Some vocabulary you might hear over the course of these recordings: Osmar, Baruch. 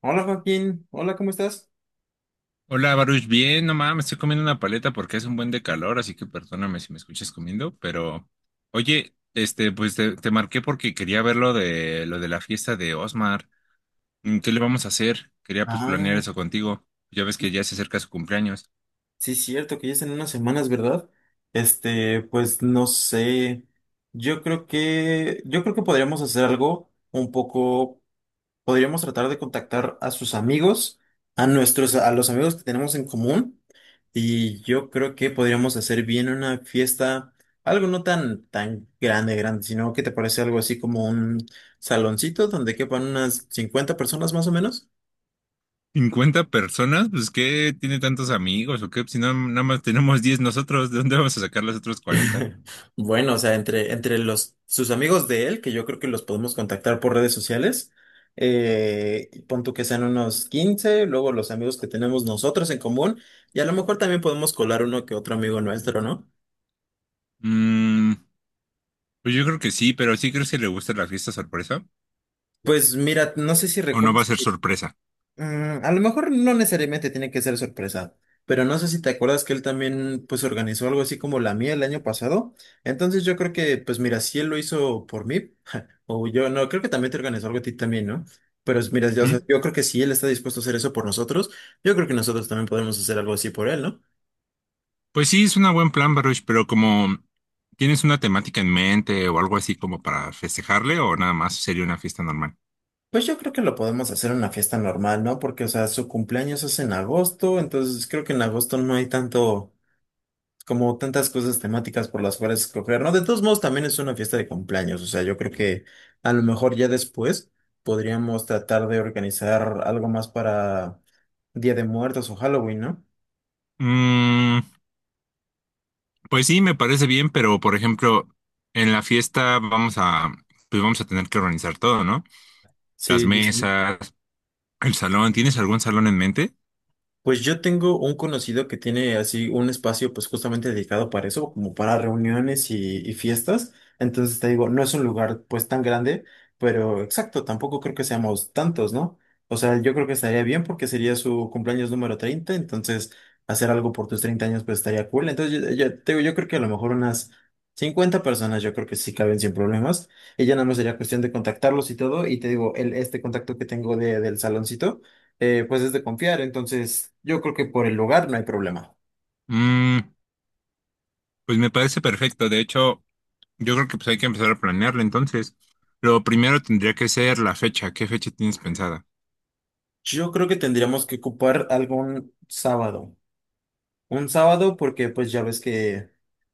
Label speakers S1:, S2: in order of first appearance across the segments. S1: Hola Joaquín, hola, ¿cómo estás?
S2: Hola Baruch, bien, no mames, me estoy comiendo una paleta porque es un buen de calor, así que perdóname si me escuchas comiendo, pero oye, este, pues te marqué porque quería ver lo de la fiesta de Osmar. Mm, ¿qué le vamos a hacer? Quería pues planear
S1: Ah,
S2: eso contigo. Ya ves que
S1: sí,
S2: ya se acerca su cumpleaños.
S1: sí es cierto que ya es en unas semanas, ¿verdad? Este, pues no sé. Yo creo que podríamos hacer algo un poco, podríamos tratar de contactar a sus amigos, a los amigos que tenemos en común, y yo creo que podríamos hacer bien una fiesta, algo no tan, tan grande, grande, sino que te parece algo así como un saloncito donde quepan unas 50 personas más o menos.
S2: ¿50 personas? Pues ¿qué tiene tantos amigos o qué? Si no, nada más tenemos 10 nosotros, ¿de dónde vamos a sacar los otros 40?
S1: Bueno, o sea, entre los, sus amigos de él, que yo creo que los podemos contactar por redes sociales, pon tú que sean unos 15, luego los amigos que tenemos nosotros en común, y a lo mejor también podemos colar uno que otro amigo nuestro, ¿no?
S2: Mm, pues yo creo que sí, pero ¿sí crees que le gusta la fiesta sorpresa?
S1: Pues mira, no sé si
S2: O no va
S1: recuerdas.
S2: a ser sorpresa.
S1: Mm, a lo mejor no necesariamente tiene que ser sorpresa, pero no sé si te acuerdas que él también pues organizó algo así como la mía el año pasado. Entonces yo creo que pues mira, si él lo hizo por mí, o yo no, creo que también te organizó algo a ti también, ¿no? Pero mira, yo, o
S2: Ujú.
S1: sea, yo creo que si él está dispuesto a hacer eso por nosotros, yo creo que nosotros también podemos hacer algo así por él, ¿no?
S2: Pues sí, es un buen plan, Baruch, pero como tienes una temática en mente o algo así como para festejarle, o nada más sería una fiesta normal.
S1: Pues yo creo que lo podemos hacer en una fiesta normal, ¿no? Porque, o sea, su cumpleaños es en agosto, entonces creo que en agosto no hay tanto como tantas cosas temáticas por las cuales escoger, ¿no? De todos modos, también es una fiesta de cumpleaños, o sea, yo creo que a lo mejor ya después podríamos tratar de organizar algo más para Día de Muertos o Halloween, ¿no?
S2: Mm, pues sí, me parece bien, pero por ejemplo, en la fiesta vamos a, pues vamos a tener que organizar todo, ¿no? Las
S1: Sí, sí, sí.
S2: mesas, el salón. ¿Tienes algún salón en mente?
S1: Pues yo tengo un conocido que tiene así un espacio pues justamente dedicado para eso, como para reuniones y fiestas. Entonces te digo, no es un lugar pues tan grande, pero exacto, tampoco creo que seamos tantos, ¿no? O sea, yo creo que estaría bien porque sería su cumpleaños número 30 entonces hacer algo por tus 30 años pues estaría cool. Entonces yo te digo, yo creo que a lo mejor unas 50 personas yo creo que sí caben sin problemas. Y ya nada más sería cuestión de contactarlos y todo. Y te digo, este contacto que tengo del saloncito pues es de confiar, entonces yo creo que por el lugar no hay problema.
S2: Mm, pues me parece perfecto. De hecho, yo creo que pues hay que empezar a planearlo entonces. Lo primero tendría que ser la fecha. ¿Qué fecha tienes pensada?
S1: Yo creo que tendríamos que ocupar algún sábado. Un sábado porque pues ya ves que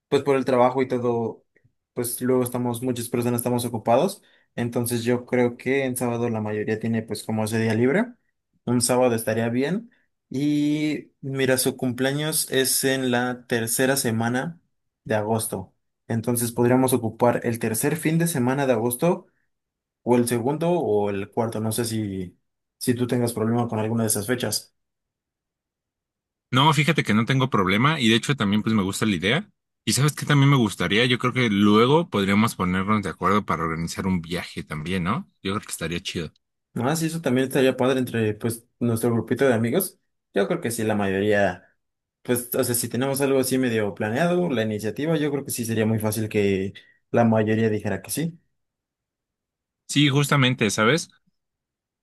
S1: pues por el trabajo y todo, pues luego estamos, muchas personas estamos ocupados, entonces yo creo que en sábado la mayoría tiene pues como ese día libre. Un sábado estaría bien. Y mira, su cumpleaños es en la tercera semana de agosto. Entonces podríamos ocupar el tercer fin de semana de agosto o el segundo o el cuarto, no sé si, si tú tengas problema con alguna de esas fechas.
S2: No, fíjate que no tengo problema y de hecho también pues me gusta la idea. Y sabes que también me gustaría, yo creo que luego podríamos ponernos de acuerdo para organizar un viaje también, ¿no? Yo creo que estaría chido.
S1: No, sí, eso también estaría padre entre pues nuestro grupito de amigos. Yo creo que sí, la mayoría, pues, o sea, si tenemos algo así medio planeado, la iniciativa, yo creo que sí sería muy fácil que la mayoría dijera que sí.
S2: Sí, justamente, ¿sabes?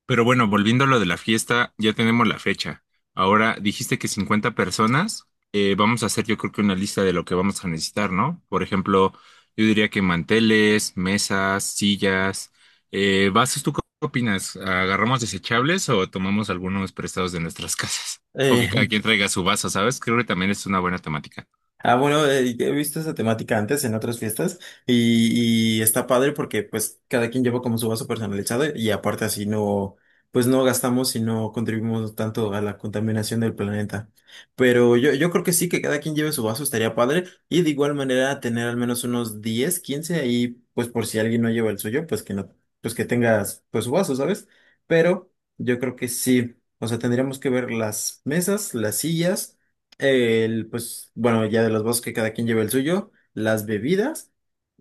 S2: Pero bueno, volviendo a lo de la fiesta, ya tenemos la fecha. Ahora dijiste que 50 personas, vamos a hacer yo creo que una lista de lo que vamos a necesitar, ¿no? Por ejemplo, yo diría que manteles, mesas, sillas, vasos, ¿tú qué opinas? ¿Agarramos desechables o tomamos algunos prestados de nuestras casas? O que cada
S1: Eh,
S2: quien traiga su vaso, ¿sabes? Creo que también es una buena temática.
S1: Ah, bueno, he visto esa temática antes en otras fiestas y está padre porque pues cada quien lleva como su vaso personalizado y aparte así no, pues no gastamos y no contribuimos tanto a la contaminación del planeta. Pero yo creo que sí, que cada quien lleve su vaso estaría padre y de igual manera tener al menos unos 10, 15 ahí, pues por si alguien no lleva el suyo, pues que no, pues que tengas pues su vaso, ¿sabes? Pero yo creo que sí, o sea, tendríamos que ver las mesas, las sillas. El, pues, bueno, ya de los vasos que cada quien lleva el suyo, las bebidas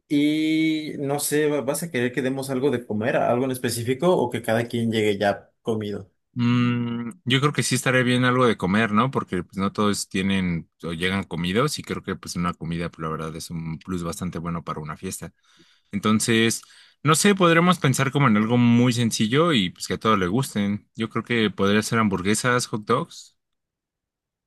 S1: y no sé, ¿vas a querer que demos algo de comer, algo en específico o que cada quien llegue ya comido?
S2: Mm, yo creo que sí estaría bien algo de comer, ¿no? Porque pues no todos tienen o llegan comidos y creo que pues una comida, pues, la verdad, es un plus bastante bueno para una fiesta. Entonces, no sé, podremos pensar como en algo muy sencillo y pues que a todos le gusten. Yo creo que podría ser hamburguesas, hot dogs.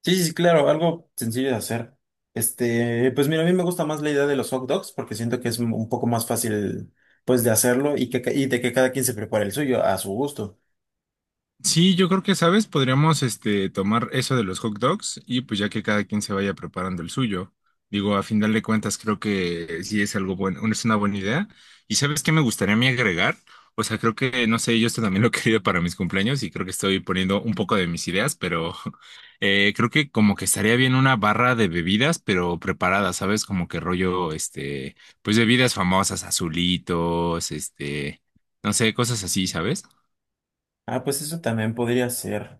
S1: Sí, sí, sí, claro, algo sencillo de hacer. Este, pues mira, a mí me gusta más la idea de los hot dogs porque siento que es un poco más fácil, pues, de hacerlo y que, y de que cada quien se prepare el suyo a su gusto.
S2: Sí, yo creo que, ¿sabes? Podríamos este, tomar eso de los hot dogs y pues ya que cada quien se vaya preparando el suyo. Digo, a final de cuentas creo que sí es algo bueno, es una buena idea. ¿Y sabes qué me gustaría a mí agregar? O sea, creo que, no sé, yo esto también lo he querido para mis cumpleaños y creo que estoy poniendo un poco de mis ideas, pero creo que como que estaría bien una barra de bebidas, pero preparadas, ¿sabes? Como que rollo, este, pues bebidas famosas, azulitos, este, no sé, cosas así, ¿sabes?
S1: Ah, pues eso también podría ser.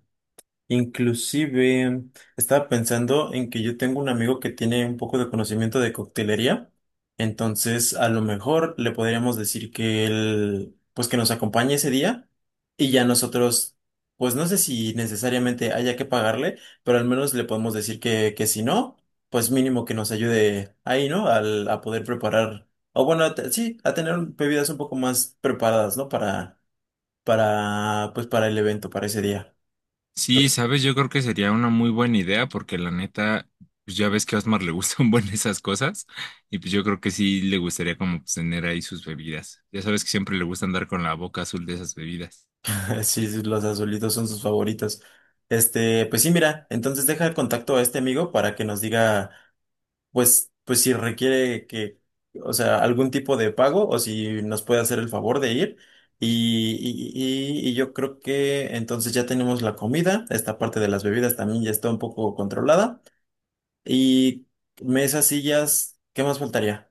S1: Inclusive estaba pensando en que yo tengo un amigo que tiene un poco de conocimiento de coctelería, entonces a lo mejor le podríamos decir que él, pues que nos acompañe ese día y ya nosotros, pues no sé si necesariamente haya que pagarle, pero al menos le podemos decir que si no, pues mínimo que nos ayude ahí, ¿no? A poder preparar, o bueno, sí, a tener bebidas un poco más preparadas, ¿no? Para, pues para el evento, para ese día.
S2: Sí, sabes, yo creo que sería una muy buena idea porque la neta, pues ya ves que a Osmar le gustan buen esas cosas y pues yo creo que sí le gustaría como pues, tener ahí sus bebidas. Ya sabes que siempre le gusta andar con la boca azul de esas bebidas.
S1: Sí, sí, los azulitos son sus favoritos. Este, pues sí, mira, entonces deja el contacto a este amigo para que nos diga, pues, pues si requiere o sea, algún tipo de pago o si nos puede hacer el favor de ir. Y yo creo que entonces ya tenemos la comida, esta parte de las bebidas también ya está un poco controlada. Y mesas, sillas, ¿qué más faltaría?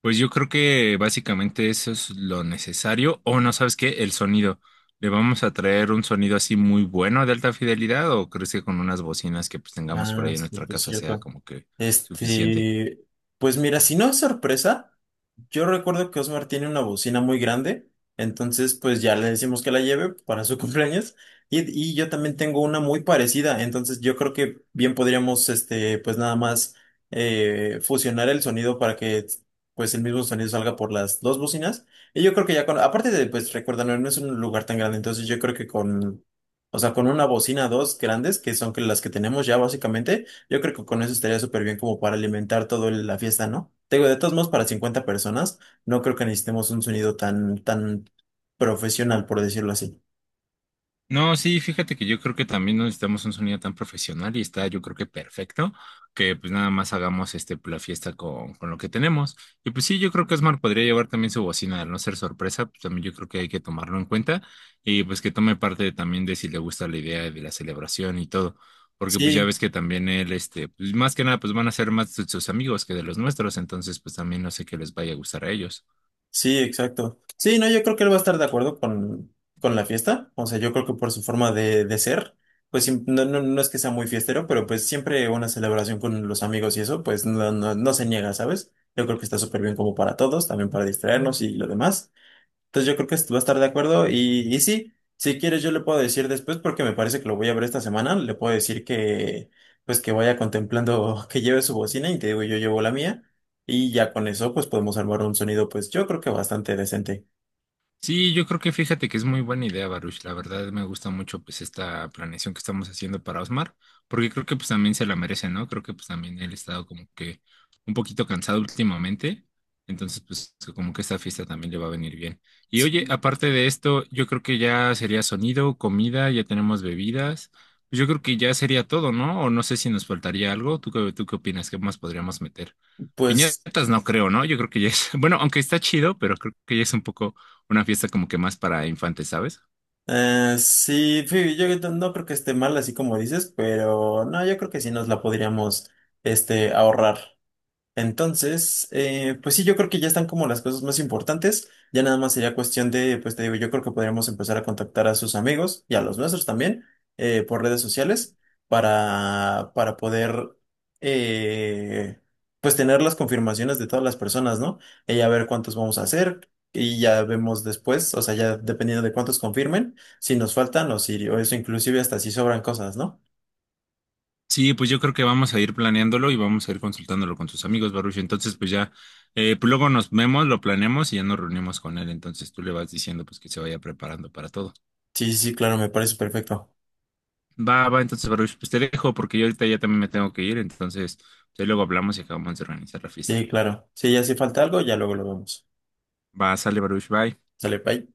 S2: Pues yo creo que básicamente eso es lo necesario o no, ¿sabes qué? El sonido. ¿Le vamos a traer un sonido así muy bueno de alta fidelidad o crees que con unas bocinas que pues tengamos por
S1: Ah,
S2: ahí en
S1: sí,
S2: nuestra
S1: es
S2: casa sea
S1: cierto.
S2: como que suficiente?
S1: Este, pues mira, si no es sorpresa, yo recuerdo que Osmar tiene una bocina muy grande, entonces pues ya le decimos que la lleve para su cumpleaños y yo también tengo una muy parecida, entonces yo creo que bien podríamos, este, pues nada más fusionar el sonido para que pues el mismo sonido salga por las dos bocinas y yo creo que ya con, aparte de pues recuerda, no no es un lugar tan grande, entonces yo creo que con, o sea, con una bocina, dos grandes que son que las que tenemos ya básicamente. Yo creo que con eso estaría súper bien como para alimentar toda la fiesta, ¿no? Te digo, de todos modos, para 50 personas, no creo que necesitemos un sonido tan, tan profesional, por decirlo así.
S2: No, sí, fíjate que yo creo que también no necesitamos un sonido tan profesional y está, yo creo que perfecto, que pues nada más hagamos este pues, la fiesta con lo que tenemos. Y pues sí, yo creo que Osmar podría llevar también su bocina, al no ser sorpresa, pues también yo creo que hay que tomarlo en cuenta y pues que tome parte también de si le gusta la idea de la celebración y todo, porque pues ya
S1: Sí,
S2: ves que también él, este, pues más que nada, pues van a ser más de sus amigos que de los nuestros, entonces pues también no sé qué les vaya a gustar a ellos.
S1: sí, exacto. Sí, no, yo creo que él va a estar de acuerdo con la fiesta. O sea, yo creo que por su forma de ser, pues no, no, no es que sea muy fiestero, pero pues siempre una celebración con los amigos y eso, pues no, no, no se niega, ¿sabes? Yo creo que está súper bien como para todos, también para distraernos y lo demás. Entonces yo creo que va a estar de acuerdo y sí, si quieres yo le puedo decir después porque me parece que lo voy a ver esta semana, le puedo decir que pues que vaya contemplando que lleve su bocina y te digo yo llevo la mía y ya con eso pues podemos armar un sonido pues yo creo que bastante decente.
S2: Sí, yo creo que fíjate que es muy buena idea, Baruch. La verdad me gusta mucho pues esta planeación que estamos haciendo para Osmar, porque creo que pues también se la merece, ¿no? Creo que pues también él ha estado como que un poquito cansado últimamente, entonces pues como que esta fiesta también le va a venir bien. Y oye,
S1: Sí,
S2: aparte de esto, yo creo que ya sería sonido, comida, ya tenemos bebidas, pues yo creo que ya sería todo, ¿no? O no sé si nos faltaría algo. ¿Tú qué opinas? ¿Qué más podríamos meter?
S1: pues
S2: Piñatas no creo, ¿no? Yo creo que ya es, bueno, aunque está chido, pero creo que ya es un poco una fiesta como que más para infantes, ¿sabes?
S1: sí, sí, yo no creo que esté mal así como dices, pero no, yo creo que sí nos la podríamos este ahorrar. Entonces, pues sí, yo creo que ya están como las cosas más importantes. Ya nada más sería cuestión de, pues te digo, yo creo que podríamos empezar a contactar a sus amigos y a los nuestros también por redes sociales para poder, eh, pues tener las confirmaciones de todas las personas, ¿no? Y ya ver cuántos vamos a hacer y ya vemos después, o sea, ya dependiendo de cuántos confirmen, si nos faltan o si, o eso inclusive hasta si sobran cosas, ¿no?
S2: Sí, pues yo creo que vamos a ir planeándolo y vamos a ir consultándolo con sus amigos, Baruch. Entonces, pues ya, pues luego nos vemos, lo planeamos y ya nos reunimos con él. Entonces tú le vas diciendo pues que se vaya preparando para todo.
S1: Sí, sí, sí, claro, me parece perfecto.
S2: Va, va, entonces, Baruch, pues te dejo porque yo ahorita ya también me tengo que ir. Entonces, pues, ahí luego hablamos y acabamos de organizar la fiesta.
S1: Sí, claro. Si ya si falta algo, ya luego lo vemos.
S2: Va, sale, Baruch, bye.
S1: Sale, bye.